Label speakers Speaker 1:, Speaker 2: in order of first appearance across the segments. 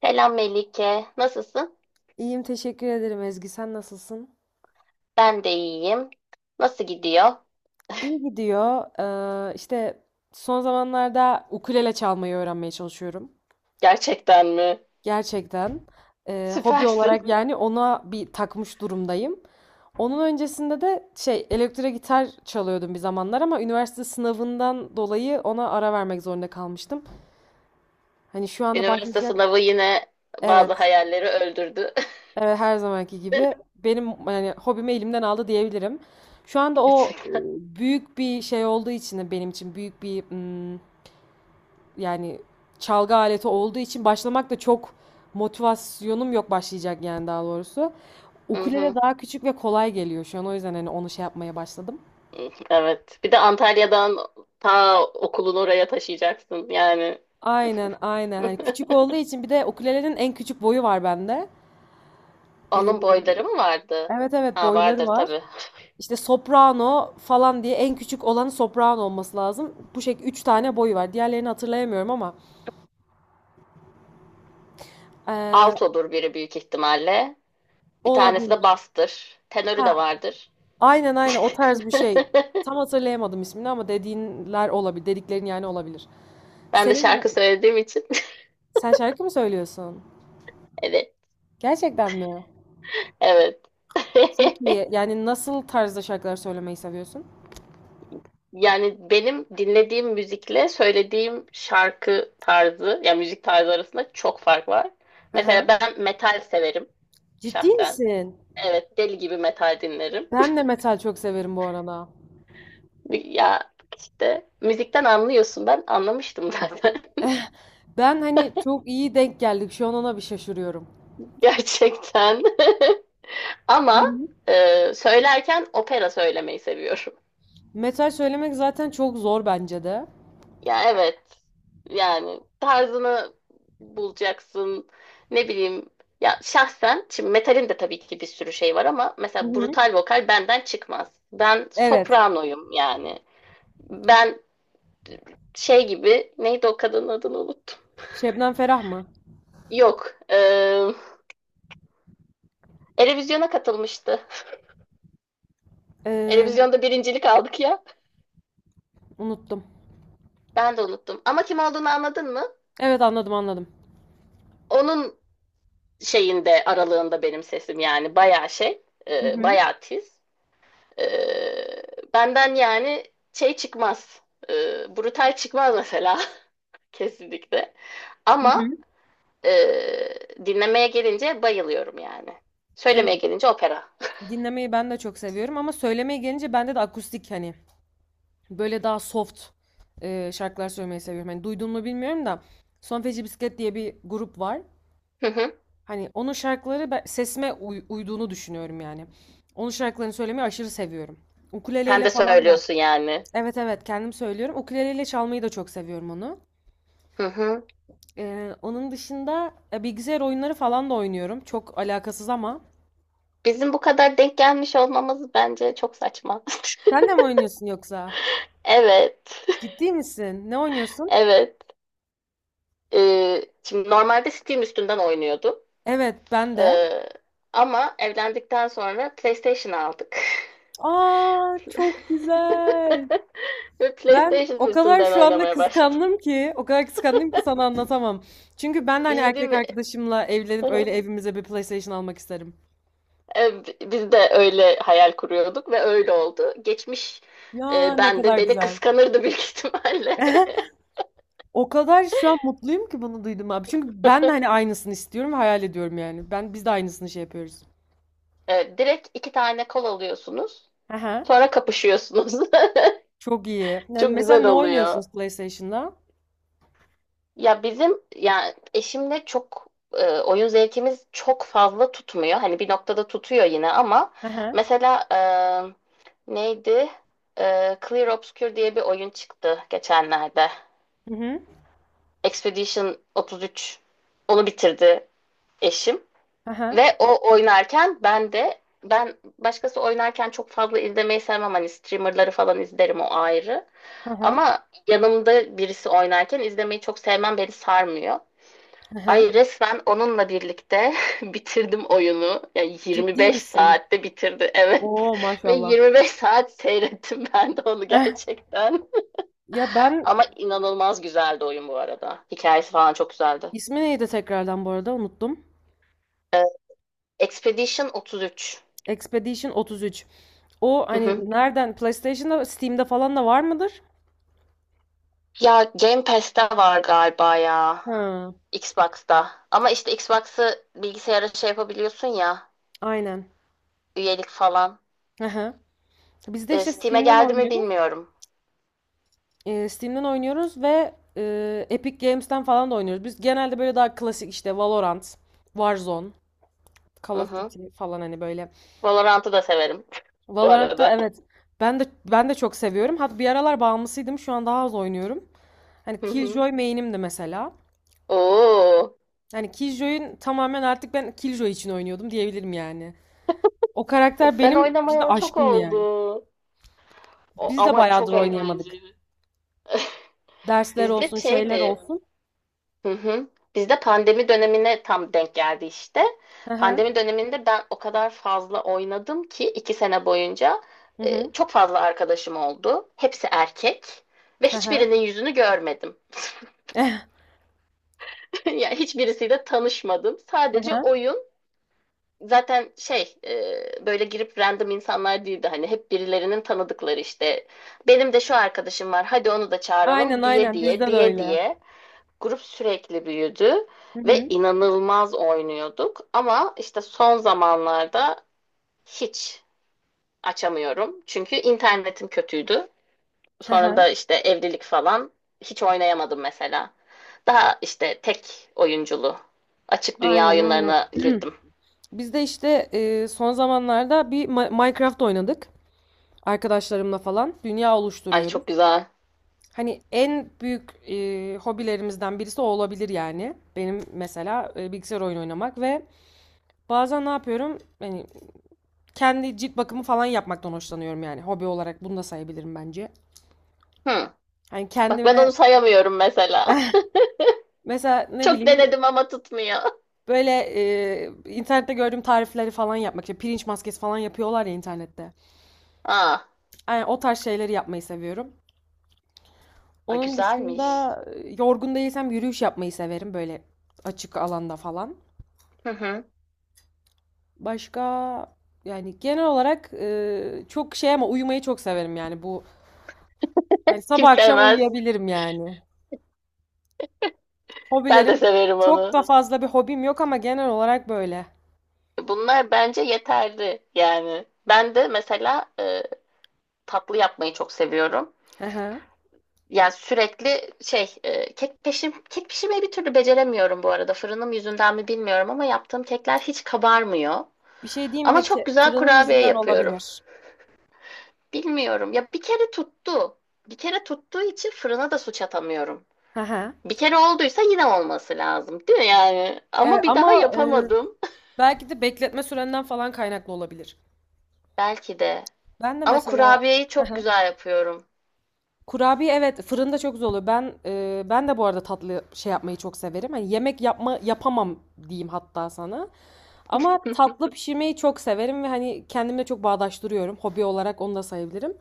Speaker 1: Selam Melike. Nasılsın?
Speaker 2: İyiyim, teşekkür ederim Ezgi. Sen nasılsın?
Speaker 1: Ben de iyiyim. Nasıl gidiyor?
Speaker 2: İyi gidiyor. Ee, işte Son zamanlarda ukulele çalmayı öğrenmeye çalışıyorum.
Speaker 1: Gerçekten mi?
Speaker 2: Gerçekten. Hobi olarak,
Speaker 1: Süpersin.
Speaker 2: yani ona bir takmış durumdayım. Onun öncesinde de şey elektro gitar çalıyordum bir zamanlar, ama üniversite sınavından dolayı ona ara vermek zorunda kalmıştım. Hani şu anda
Speaker 1: Üniversite
Speaker 2: başlayacak.
Speaker 1: sınavı yine bazı
Speaker 2: Evet.
Speaker 1: hayalleri öldürdü.
Speaker 2: Evet, her zamanki gibi benim yani hobimi elimden aldı diyebilirim. Şu anda o
Speaker 1: Gerçekten.
Speaker 2: büyük bir şey olduğu için de benim için büyük bir mm, yani çalgı aleti olduğu için başlamak da çok, motivasyonum yok başlayacak yani, daha doğrusu.
Speaker 1: Hı
Speaker 2: Ukulele
Speaker 1: hı.
Speaker 2: daha küçük ve kolay geliyor şu an, o yüzden hani onu şey yapmaya başladım.
Speaker 1: Evet. Bir de Antalya'dan ta okulunu oraya taşıyacaksın yani.
Speaker 2: Aynen aynen, hani küçük olduğu için, bir de ukulelenin en küçük boyu var bende.
Speaker 1: Onun
Speaker 2: Ee,
Speaker 1: boyları mı vardı?
Speaker 2: evet evet,
Speaker 1: Ha
Speaker 2: boyları
Speaker 1: vardır
Speaker 2: var.
Speaker 1: tabii.
Speaker 2: İşte soprano falan diye, en küçük olanı soprano olması lazım. Bu şekilde 3 tane boyu var. Diğerlerini hatırlayamıyorum ama eee,
Speaker 1: Alt olur biri büyük ihtimalle.
Speaker 2: o
Speaker 1: Bir tanesi de
Speaker 2: olabilir.
Speaker 1: bastır. Tenörü de
Speaker 2: Ha,
Speaker 1: vardır.
Speaker 2: aynen aynen, o tarz bir şey. Tam hatırlayamadım ismini ama dediğinler olabilir. Dediklerin yani, olabilir.
Speaker 1: Ben de şarkı
Speaker 2: Senin,
Speaker 1: söylediğim için.
Speaker 2: sen şarkı mı söylüyorsun?
Speaker 1: Evet.
Speaker 2: Gerçekten mi?
Speaker 1: Evet.
Speaker 2: Çok iyi. Yani nasıl tarzda şarkılar söylemeyi seviyorsun?
Speaker 1: Yani benim dinlediğim müzikle söylediğim şarkı tarzı, yani müzik tarzı arasında çok fark var. Mesela
Speaker 2: Hı.
Speaker 1: ben metal severim
Speaker 2: Ciddi
Speaker 1: şahsen.
Speaker 2: misin?
Speaker 1: Evet, deli gibi metal dinlerim.
Speaker 2: Ben de metal çok severim bu arada.
Speaker 1: Ya işte müzikten anlıyorsun. Ben anlamıştım zaten.
Speaker 2: Ben hani, çok iyi denk geldik. Şu an ona bir şaşırıyorum.
Speaker 1: Gerçekten. Ama söylerken opera söylemeyi seviyorum.
Speaker 2: Metal söylemek zaten çok zor bence de.
Speaker 1: Ya evet. Yani tarzını bulacaksın. Ne bileyim. Ya şahsen şimdi metalin de tabii ki bir sürü şey var ama
Speaker 2: Hı
Speaker 1: mesela
Speaker 2: hı.
Speaker 1: brutal vokal benden çıkmaz. Ben
Speaker 2: Evet.
Speaker 1: sopranoyum yani. Ben şey gibi neydi o kadının adını unuttum.
Speaker 2: Şebnem Ferah mı?
Speaker 1: Yok. Eurovision'a katılmıştı.
Speaker 2: Ee,
Speaker 1: Eurovision'da birincilik aldık ya.
Speaker 2: Unuttum.
Speaker 1: Ben de unuttum. Ama kim olduğunu anladın mı?
Speaker 2: Evet, anladım anladım.
Speaker 1: Onun şeyinde aralığında benim sesim yani bayağı şey,
Speaker 2: Hı hı.
Speaker 1: bayağı tiz. Ee, Benden yani şey çıkmaz. Brutal çıkmaz mesela. Kesinlikle.
Speaker 2: Hı
Speaker 1: Ama
Speaker 2: hı.
Speaker 1: e, dinlemeye gelince bayılıyorum yani.
Speaker 2: Evet,
Speaker 1: Söylemeye gelince opera.
Speaker 2: dinlemeyi ben de çok seviyorum ama söylemeye gelince bende de akustik, hani böyle daha soft şarkılar söylemeyi seviyorum. Hani duydun mu bilmiyorum da, Son Feci Bisiklet diye bir grup var.
Speaker 1: Hı hı.
Speaker 2: Hani onun şarkıları sesime uyduğunu düşünüyorum yani. Onun şarkılarını söylemeyi aşırı seviyorum.
Speaker 1: Sen
Speaker 2: Ukuleleyle
Speaker 1: de
Speaker 2: falan da.
Speaker 1: söylüyorsun yani.
Speaker 2: Evet evet, kendim söylüyorum. Ukuleleyle çalmayı da çok seviyorum onu.
Speaker 1: Hı hı.
Speaker 2: Onun dışında bilgisayar oyunları falan da oynuyorum. Çok alakasız ama.
Speaker 1: Bizim bu kadar denk gelmiş olmamız bence çok saçma.
Speaker 2: Sen de mi oynuyorsun yoksa?
Speaker 1: Evet.
Speaker 2: Ciddi misin? Ne oynuyorsun?
Speaker 1: Evet. Şimdi normalde Steam üstünden oynuyordum.
Speaker 2: Evet, ben de.
Speaker 1: Ee, Ama evlendikten sonra PlayStation aldık.
Speaker 2: Aa, çok güzel.
Speaker 1: Ve
Speaker 2: Ben
Speaker 1: PlayStation
Speaker 2: o kadar
Speaker 1: üstünden
Speaker 2: şu anda
Speaker 1: oynamaya başladım.
Speaker 2: kıskandım ki, o kadar kıskandım ki sana anlatamam. Çünkü ben de
Speaker 1: Bir
Speaker 2: hani
Speaker 1: şey değil
Speaker 2: erkek
Speaker 1: mi?
Speaker 2: arkadaşımla evlenip öyle evimize bir PlayStation almak isterim.
Speaker 1: Biz de öyle hayal kuruyorduk ve öyle oldu. Geçmiş
Speaker 2: Ya ne
Speaker 1: ben de
Speaker 2: kadar
Speaker 1: beni
Speaker 2: güzel.
Speaker 1: kıskanırdı büyük ihtimalle.
Speaker 2: O kadar şu an mutluyum ki bunu duydum abi. Çünkü ben de hani aynısını istiyorum ve hayal ediyorum yani. Biz de aynısını şey yapıyoruz.
Speaker 1: Direkt iki tane kol alıyorsunuz.
Speaker 2: Aha.
Speaker 1: Sonra kapışıyorsunuz.
Speaker 2: Çok iyi. Yani
Speaker 1: Çok
Speaker 2: mesela
Speaker 1: güzel
Speaker 2: ne
Speaker 1: oluyor.
Speaker 2: oynuyorsunuz PlayStation'da?
Speaker 1: Ya bizim yani eşimle çok oyun zevkimiz çok fazla tutmuyor. Hani bir noktada tutuyor yine ama
Speaker 2: Hı hı.
Speaker 1: mesela neydi? Clear Obscure diye bir oyun çıktı geçenlerde.
Speaker 2: Hı hı.
Speaker 1: Expedition 33 onu bitirdi eşim
Speaker 2: Hı hı.
Speaker 1: ve o oynarken ben başkası oynarken çok fazla izlemeyi sevmem. Hani streamerları falan izlerim o ayrı.
Speaker 2: Hı hı.
Speaker 1: Ama yanımda birisi oynarken izlemeyi çok sevmem, beni sarmıyor.
Speaker 2: Hı hı.
Speaker 1: Ay resmen onunla birlikte bitirdim oyunu. Yani
Speaker 2: Ciddi
Speaker 1: 25
Speaker 2: misin?
Speaker 1: saatte bitirdi evet.
Speaker 2: Oo
Speaker 1: Ve
Speaker 2: maşallah.
Speaker 1: 25 saat seyrettim ben de onu
Speaker 2: Eh,
Speaker 1: gerçekten.
Speaker 2: ya ben
Speaker 1: Ama inanılmaz güzeldi oyun bu arada. Hikayesi falan çok güzeldi.
Speaker 2: ismi neydi tekrardan bu arada, unuttum.
Speaker 1: Ee, Expedition 33.
Speaker 2: Expedition 33. O
Speaker 1: Hı
Speaker 2: hani
Speaker 1: hı.
Speaker 2: nereden, PlayStation'da Steam'de falan da var mıdır?
Speaker 1: Ya Game Pass'te var galiba ya.
Speaker 2: Ha,
Speaker 1: Xbox'ta. Ama işte Xbox'ı bilgisayara şey yapabiliyorsun ya.
Speaker 2: aynen.
Speaker 1: Üyelik falan.
Speaker 2: Hı hı. Biz de işte
Speaker 1: Steam'e
Speaker 2: Steam'den
Speaker 1: geldi mi
Speaker 2: oynuyoruz.
Speaker 1: bilmiyorum.
Speaker 2: Steam'den oynuyoruz ve Epic Games'ten falan da oynuyoruz. Biz genelde böyle daha klasik işte Valorant, Warzone, Call
Speaker 1: Hı
Speaker 2: of
Speaker 1: hı.
Speaker 2: Duty falan, hani böyle.
Speaker 1: Valorant'ı da severim bu
Speaker 2: Valorant'ta
Speaker 1: arada.
Speaker 2: evet. Ben de Ben de çok seviyorum. Hatta bir aralar bağımlısıydım. Şu an daha az oynuyorum. Hani
Speaker 1: Hı hı.
Speaker 2: Killjoy main'imdi mesela.
Speaker 1: Oo,
Speaker 2: Hani Killjoy'un, tamamen artık ben Killjoy için oynuyordum diyebilirim yani. O karakter
Speaker 1: ben
Speaker 2: benim cidden
Speaker 1: oynamayalı çok
Speaker 2: aşkımdı yani.
Speaker 1: oldu. O,
Speaker 2: Biz de
Speaker 1: ama çok
Speaker 2: bayağıdır oynayamadık.
Speaker 1: eğlenceli.
Speaker 2: Dersler
Speaker 1: Bizde
Speaker 2: olsun, şeyler
Speaker 1: şeydi.
Speaker 2: olsun.
Speaker 1: Hı hı. Bizde pandemi dönemine tam denk geldi işte.
Speaker 2: Hı
Speaker 1: Pandemi
Speaker 2: hı.
Speaker 1: döneminde ben o kadar fazla oynadım ki iki sene boyunca
Speaker 2: Hı hı.
Speaker 1: çok fazla arkadaşım oldu. Hepsi erkek ve
Speaker 2: Hı hı.
Speaker 1: hiçbirinin yüzünü görmedim.
Speaker 2: Eh.
Speaker 1: Yani hiçbirisiyle tanışmadım.
Speaker 2: Hı
Speaker 1: Sadece
Speaker 2: hı.
Speaker 1: oyun. Zaten şey, böyle girip random insanlar değildi, hani hep birilerinin tanıdıkları işte, benim de şu arkadaşım var hadi onu da
Speaker 2: Aynen
Speaker 1: çağıralım diye
Speaker 2: aynen,
Speaker 1: diye
Speaker 2: bizde de
Speaker 1: diye
Speaker 2: öyle.
Speaker 1: diye grup sürekli büyüdü
Speaker 2: Hı
Speaker 1: ve
Speaker 2: hı.
Speaker 1: inanılmaz oynuyorduk, ama işte son zamanlarda hiç açamıyorum çünkü internetim kötüydü,
Speaker 2: Hı
Speaker 1: sonra
Speaker 2: hı.
Speaker 1: da işte evlilik falan, hiç oynayamadım mesela, daha işte tek oyunculu açık dünya
Speaker 2: Aynen aynen.
Speaker 1: oyunlarına girdim.
Speaker 2: Biz de işte son zamanlarda bir Minecraft oynadık. Arkadaşlarımla falan dünya
Speaker 1: Ay
Speaker 2: oluşturuyoruz.
Speaker 1: çok güzel.
Speaker 2: Hani en büyük hobilerimizden birisi o olabilir yani. Benim mesela bilgisayar oyunu oynamak ve bazen ne yapıyorum? Hani kendi cilt bakımı falan yapmaktan hoşlanıyorum yani. Hobi olarak bunu da sayabilirim bence.
Speaker 1: Hı.
Speaker 2: Hani
Speaker 1: Bak ben onu
Speaker 2: kendime
Speaker 1: sayamıyorum mesela.
Speaker 2: mesela ne
Speaker 1: Çok
Speaker 2: bileyim,
Speaker 1: denedim ama tutmuyor.
Speaker 2: böyle e, internette gördüğüm tarifleri falan yapmak. İşte pirinç maskesi falan yapıyorlar ya internette.
Speaker 1: Aa,
Speaker 2: Yani o tarz şeyleri yapmayı seviyorum.
Speaker 1: a,
Speaker 2: Onun
Speaker 1: güzelmiş.
Speaker 2: dışında yorgun değilsem yürüyüş yapmayı severim, böyle açık alanda falan.
Speaker 1: Hı hı.
Speaker 2: Başka, yani genel olarak çok şey ama uyumayı çok severim yani, bu hani
Speaker 1: Kim
Speaker 2: sabah akşam
Speaker 1: sevmez?
Speaker 2: uyuyabilirim yani.
Speaker 1: Ben de
Speaker 2: Hobilerim,
Speaker 1: severim
Speaker 2: çok
Speaker 1: onu.
Speaker 2: da fazla bir hobim yok ama genel olarak böyle.
Speaker 1: Bunlar bence yeterli yani. Ben de mesela tatlı yapmayı çok seviyorum.
Speaker 2: Hı hı.
Speaker 1: Yani sürekli şey, kek pişirmeyi bir türlü beceremiyorum bu arada. Fırınım yüzünden mi bilmiyorum ama yaptığım kekler hiç kabarmıyor.
Speaker 2: Bir şey diyeyim
Speaker 1: Ama
Speaker 2: mi,
Speaker 1: çok
Speaker 2: ki
Speaker 1: güzel
Speaker 2: fırının
Speaker 1: kurabiye
Speaker 2: yüzünden
Speaker 1: yapıyorum.
Speaker 2: olabilir.
Speaker 1: Bilmiyorum. Ya bir kere tuttu. Bir kere tuttuğu için fırına da suç atamıyorum.
Speaker 2: Hı hı.
Speaker 1: Bir kere olduysa yine olması lazım, değil mi yani?
Speaker 2: E,
Speaker 1: Ama bir
Speaker 2: ama
Speaker 1: daha
Speaker 2: e,
Speaker 1: yapamadım.
Speaker 2: Belki de bekletme sürenden falan kaynaklı olabilir.
Speaker 1: Belki de.
Speaker 2: Ben de
Speaker 1: Ama
Speaker 2: mesela
Speaker 1: kurabiyeyi çok güzel yapıyorum.
Speaker 2: kurabiye evet, fırında çok zor oluyor. Ben de bu arada tatlı şey yapmayı çok severim. Hani yemek yapma yapamam diyeyim hatta sana. Ama tatlı pişirmeyi çok severim ve hani kendimle çok bağdaştırıyorum. Hobi olarak onu da sayabilirim.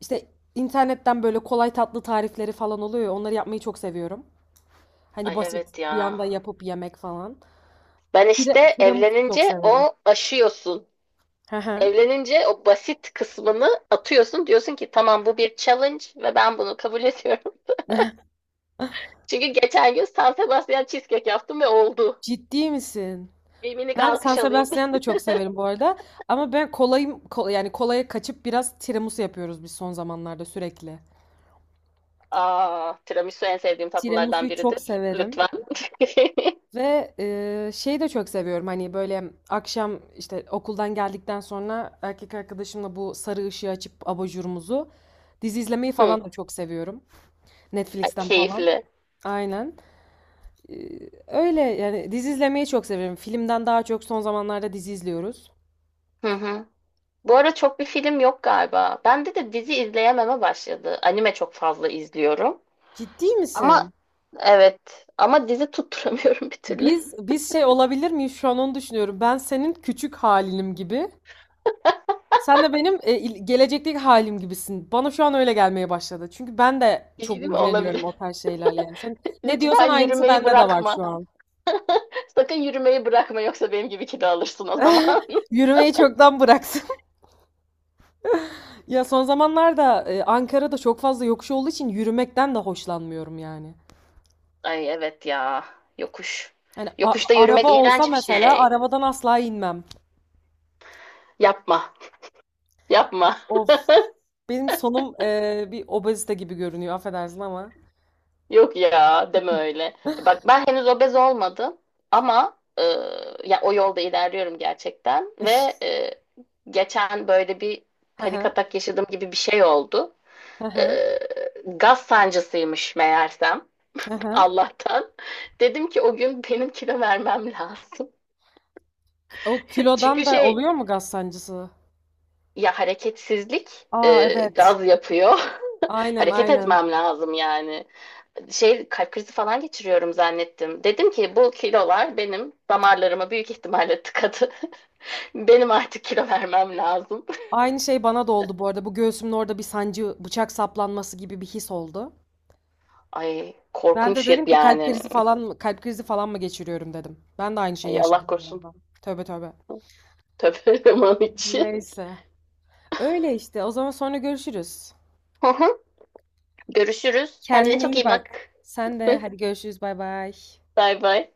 Speaker 2: İşte internetten böyle kolay tatlı tarifleri falan oluyor ya. Onları yapmayı çok seviyorum. Hani
Speaker 1: Ay
Speaker 2: basit,
Speaker 1: evet
Speaker 2: bir
Speaker 1: ya.
Speaker 2: anda yapıp yemek falan.
Speaker 1: Ben işte
Speaker 2: Tiramisu çok
Speaker 1: evlenince
Speaker 2: severim.
Speaker 1: o aşıyorsun.
Speaker 2: Hı hı.
Speaker 1: Evlenince o basit kısmını atıyorsun. Diyorsun ki tamam, bu bir challenge ve ben bunu kabul ediyorum. Çünkü geçen gün San Sebastian cheesecake yaptım ve oldu.
Speaker 2: Ciddi misin?
Speaker 1: Bir minik
Speaker 2: Ben San
Speaker 1: alkış alayım.
Speaker 2: Sebastian'ı da çok severim bu arada. Ama ben kolayım, yani kolaya kaçıp biraz tiramisu yapıyoruz biz son zamanlarda sürekli.
Speaker 1: Aa, tiramisu en sevdiğim tatlılardan
Speaker 2: Tiramisu'yu çok
Speaker 1: biridir.
Speaker 2: severim
Speaker 1: Lütfen.
Speaker 2: ve şeyi de çok seviyorum. Hani böyle akşam işte okuldan geldikten sonra erkek arkadaşımla bu sarı ışığı açıp abajurumuzu, dizi izlemeyi
Speaker 1: Hı,
Speaker 2: falan da çok seviyorum.
Speaker 1: ay,
Speaker 2: Netflix'ten falan.
Speaker 1: keyifli.
Speaker 2: Aynen. E, Öyle yani, dizi izlemeyi çok seviyorum. Filmden daha çok son zamanlarda dizi izliyoruz.
Speaker 1: Hı hı. Bu ara çok bir film yok galiba. Bende de dizi izleyememe başladı. Anime çok fazla izliyorum.
Speaker 2: Ciddi misin?
Speaker 1: Ama evet, ama dizi tutturamıyorum bir türlü.
Speaker 2: Biz şey olabilir miyiz, şu an onu düşünüyorum. Ben senin küçük halinim gibi. Sen de benim gelecekteki halim gibisin. Bana şu an öyle gelmeye başladı. Çünkü ben de
Speaker 1: Bir şey
Speaker 2: çok
Speaker 1: değil mi?
Speaker 2: ilgileniyorum
Speaker 1: Olabilir.
Speaker 2: o tarz şeylerle yani. Sen ne diyorsan
Speaker 1: Lütfen
Speaker 2: aynısı
Speaker 1: yürümeyi
Speaker 2: bende de var
Speaker 1: bırakma.
Speaker 2: şu an.
Speaker 1: Sakın yürümeyi bırakma yoksa benim gibi kilo alırsın o zaman.
Speaker 2: Yürümeyi çoktan bıraktım. Ya son zamanlarda Ankara'da çok fazla yokuş olduğu için yürümekten de hoşlanmıyorum yani.
Speaker 1: Ay evet ya. Yokuş.
Speaker 2: Yani
Speaker 1: Yokuşta yürümek
Speaker 2: araba olsa
Speaker 1: iğrenç bir
Speaker 2: mesela,
Speaker 1: şey.
Speaker 2: arabadan asla inmem.
Speaker 1: Yapma. Yapma.
Speaker 2: Of. Benim sonum bir obezite gibi görünüyor, affedersin ama.
Speaker 1: Yok ya, deme öyle. Bak ben henüz obez olmadım ama ya o yolda ilerliyorum gerçekten ve e, geçen böyle bir
Speaker 2: Hı
Speaker 1: panik
Speaker 2: hı.
Speaker 1: atak yaşadığım gibi bir şey oldu.
Speaker 2: Hı
Speaker 1: E,
Speaker 2: hı.
Speaker 1: Gaz sancısıymış meğersem,
Speaker 2: Hı hı.
Speaker 1: Allah'tan. Dedim ki o gün benim kilo vermem lazım.
Speaker 2: O kilodan
Speaker 1: Çünkü
Speaker 2: da
Speaker 1: şey,
Speaker 2: oluyor mu gaz sancısı?
Speaker 1: ya hareketsizlik
Speaker 2: Aa evet.
Speaker 1: gaz yapıyor.
Speaker 2: Aynen
Speaker 1: Hareket
Speaker 2: aynen.
Speaker 1: etmem lazım yani. Şey, kalp krizi falan geçiriyorum zannettim. Dedim ki bu kilolar benim damarlarıma büyük ihtimalle tıkadı. Benim artık kilo vermem lazım.
Speaker 2: Aynı şey bana da oldu bu arada. Bu göğsümün orada bir sancı, bıçak saplanması gibi bir his oldu.
Speaker 1: Ay
Speaker 2: Ben de
Speaker 1: korkunç ya-
Speaker 2: dedim ki kalp
Speaker 1: yani.
Speaker 2: krizi falan mı, kalp krizi falan mı geçiriyorum dedim. Ben de aynı şeyi
Speaker 1: Ay Allah
Speaker 2: yaşadım bu
Speaker 1: korusun.
Speaker 2: arada. Tövbe tövbe.
Speaker 1: Tövbe aman içi.
Speaker 2: Neyse. Öyle işte. O zaman sonra görüşürüz.
Speaker 1: Görüşürüz. Kendine
Speaker 2: Kendine
Speaker 1: çok
Speaker 2: iyi
Speaker 1: iyi
Speaker 2: bak.
Speaker 1: bak.
Speaker 2: Sen de hadi görüşürüz. Bay bay.
Speaker 1: Bay bay.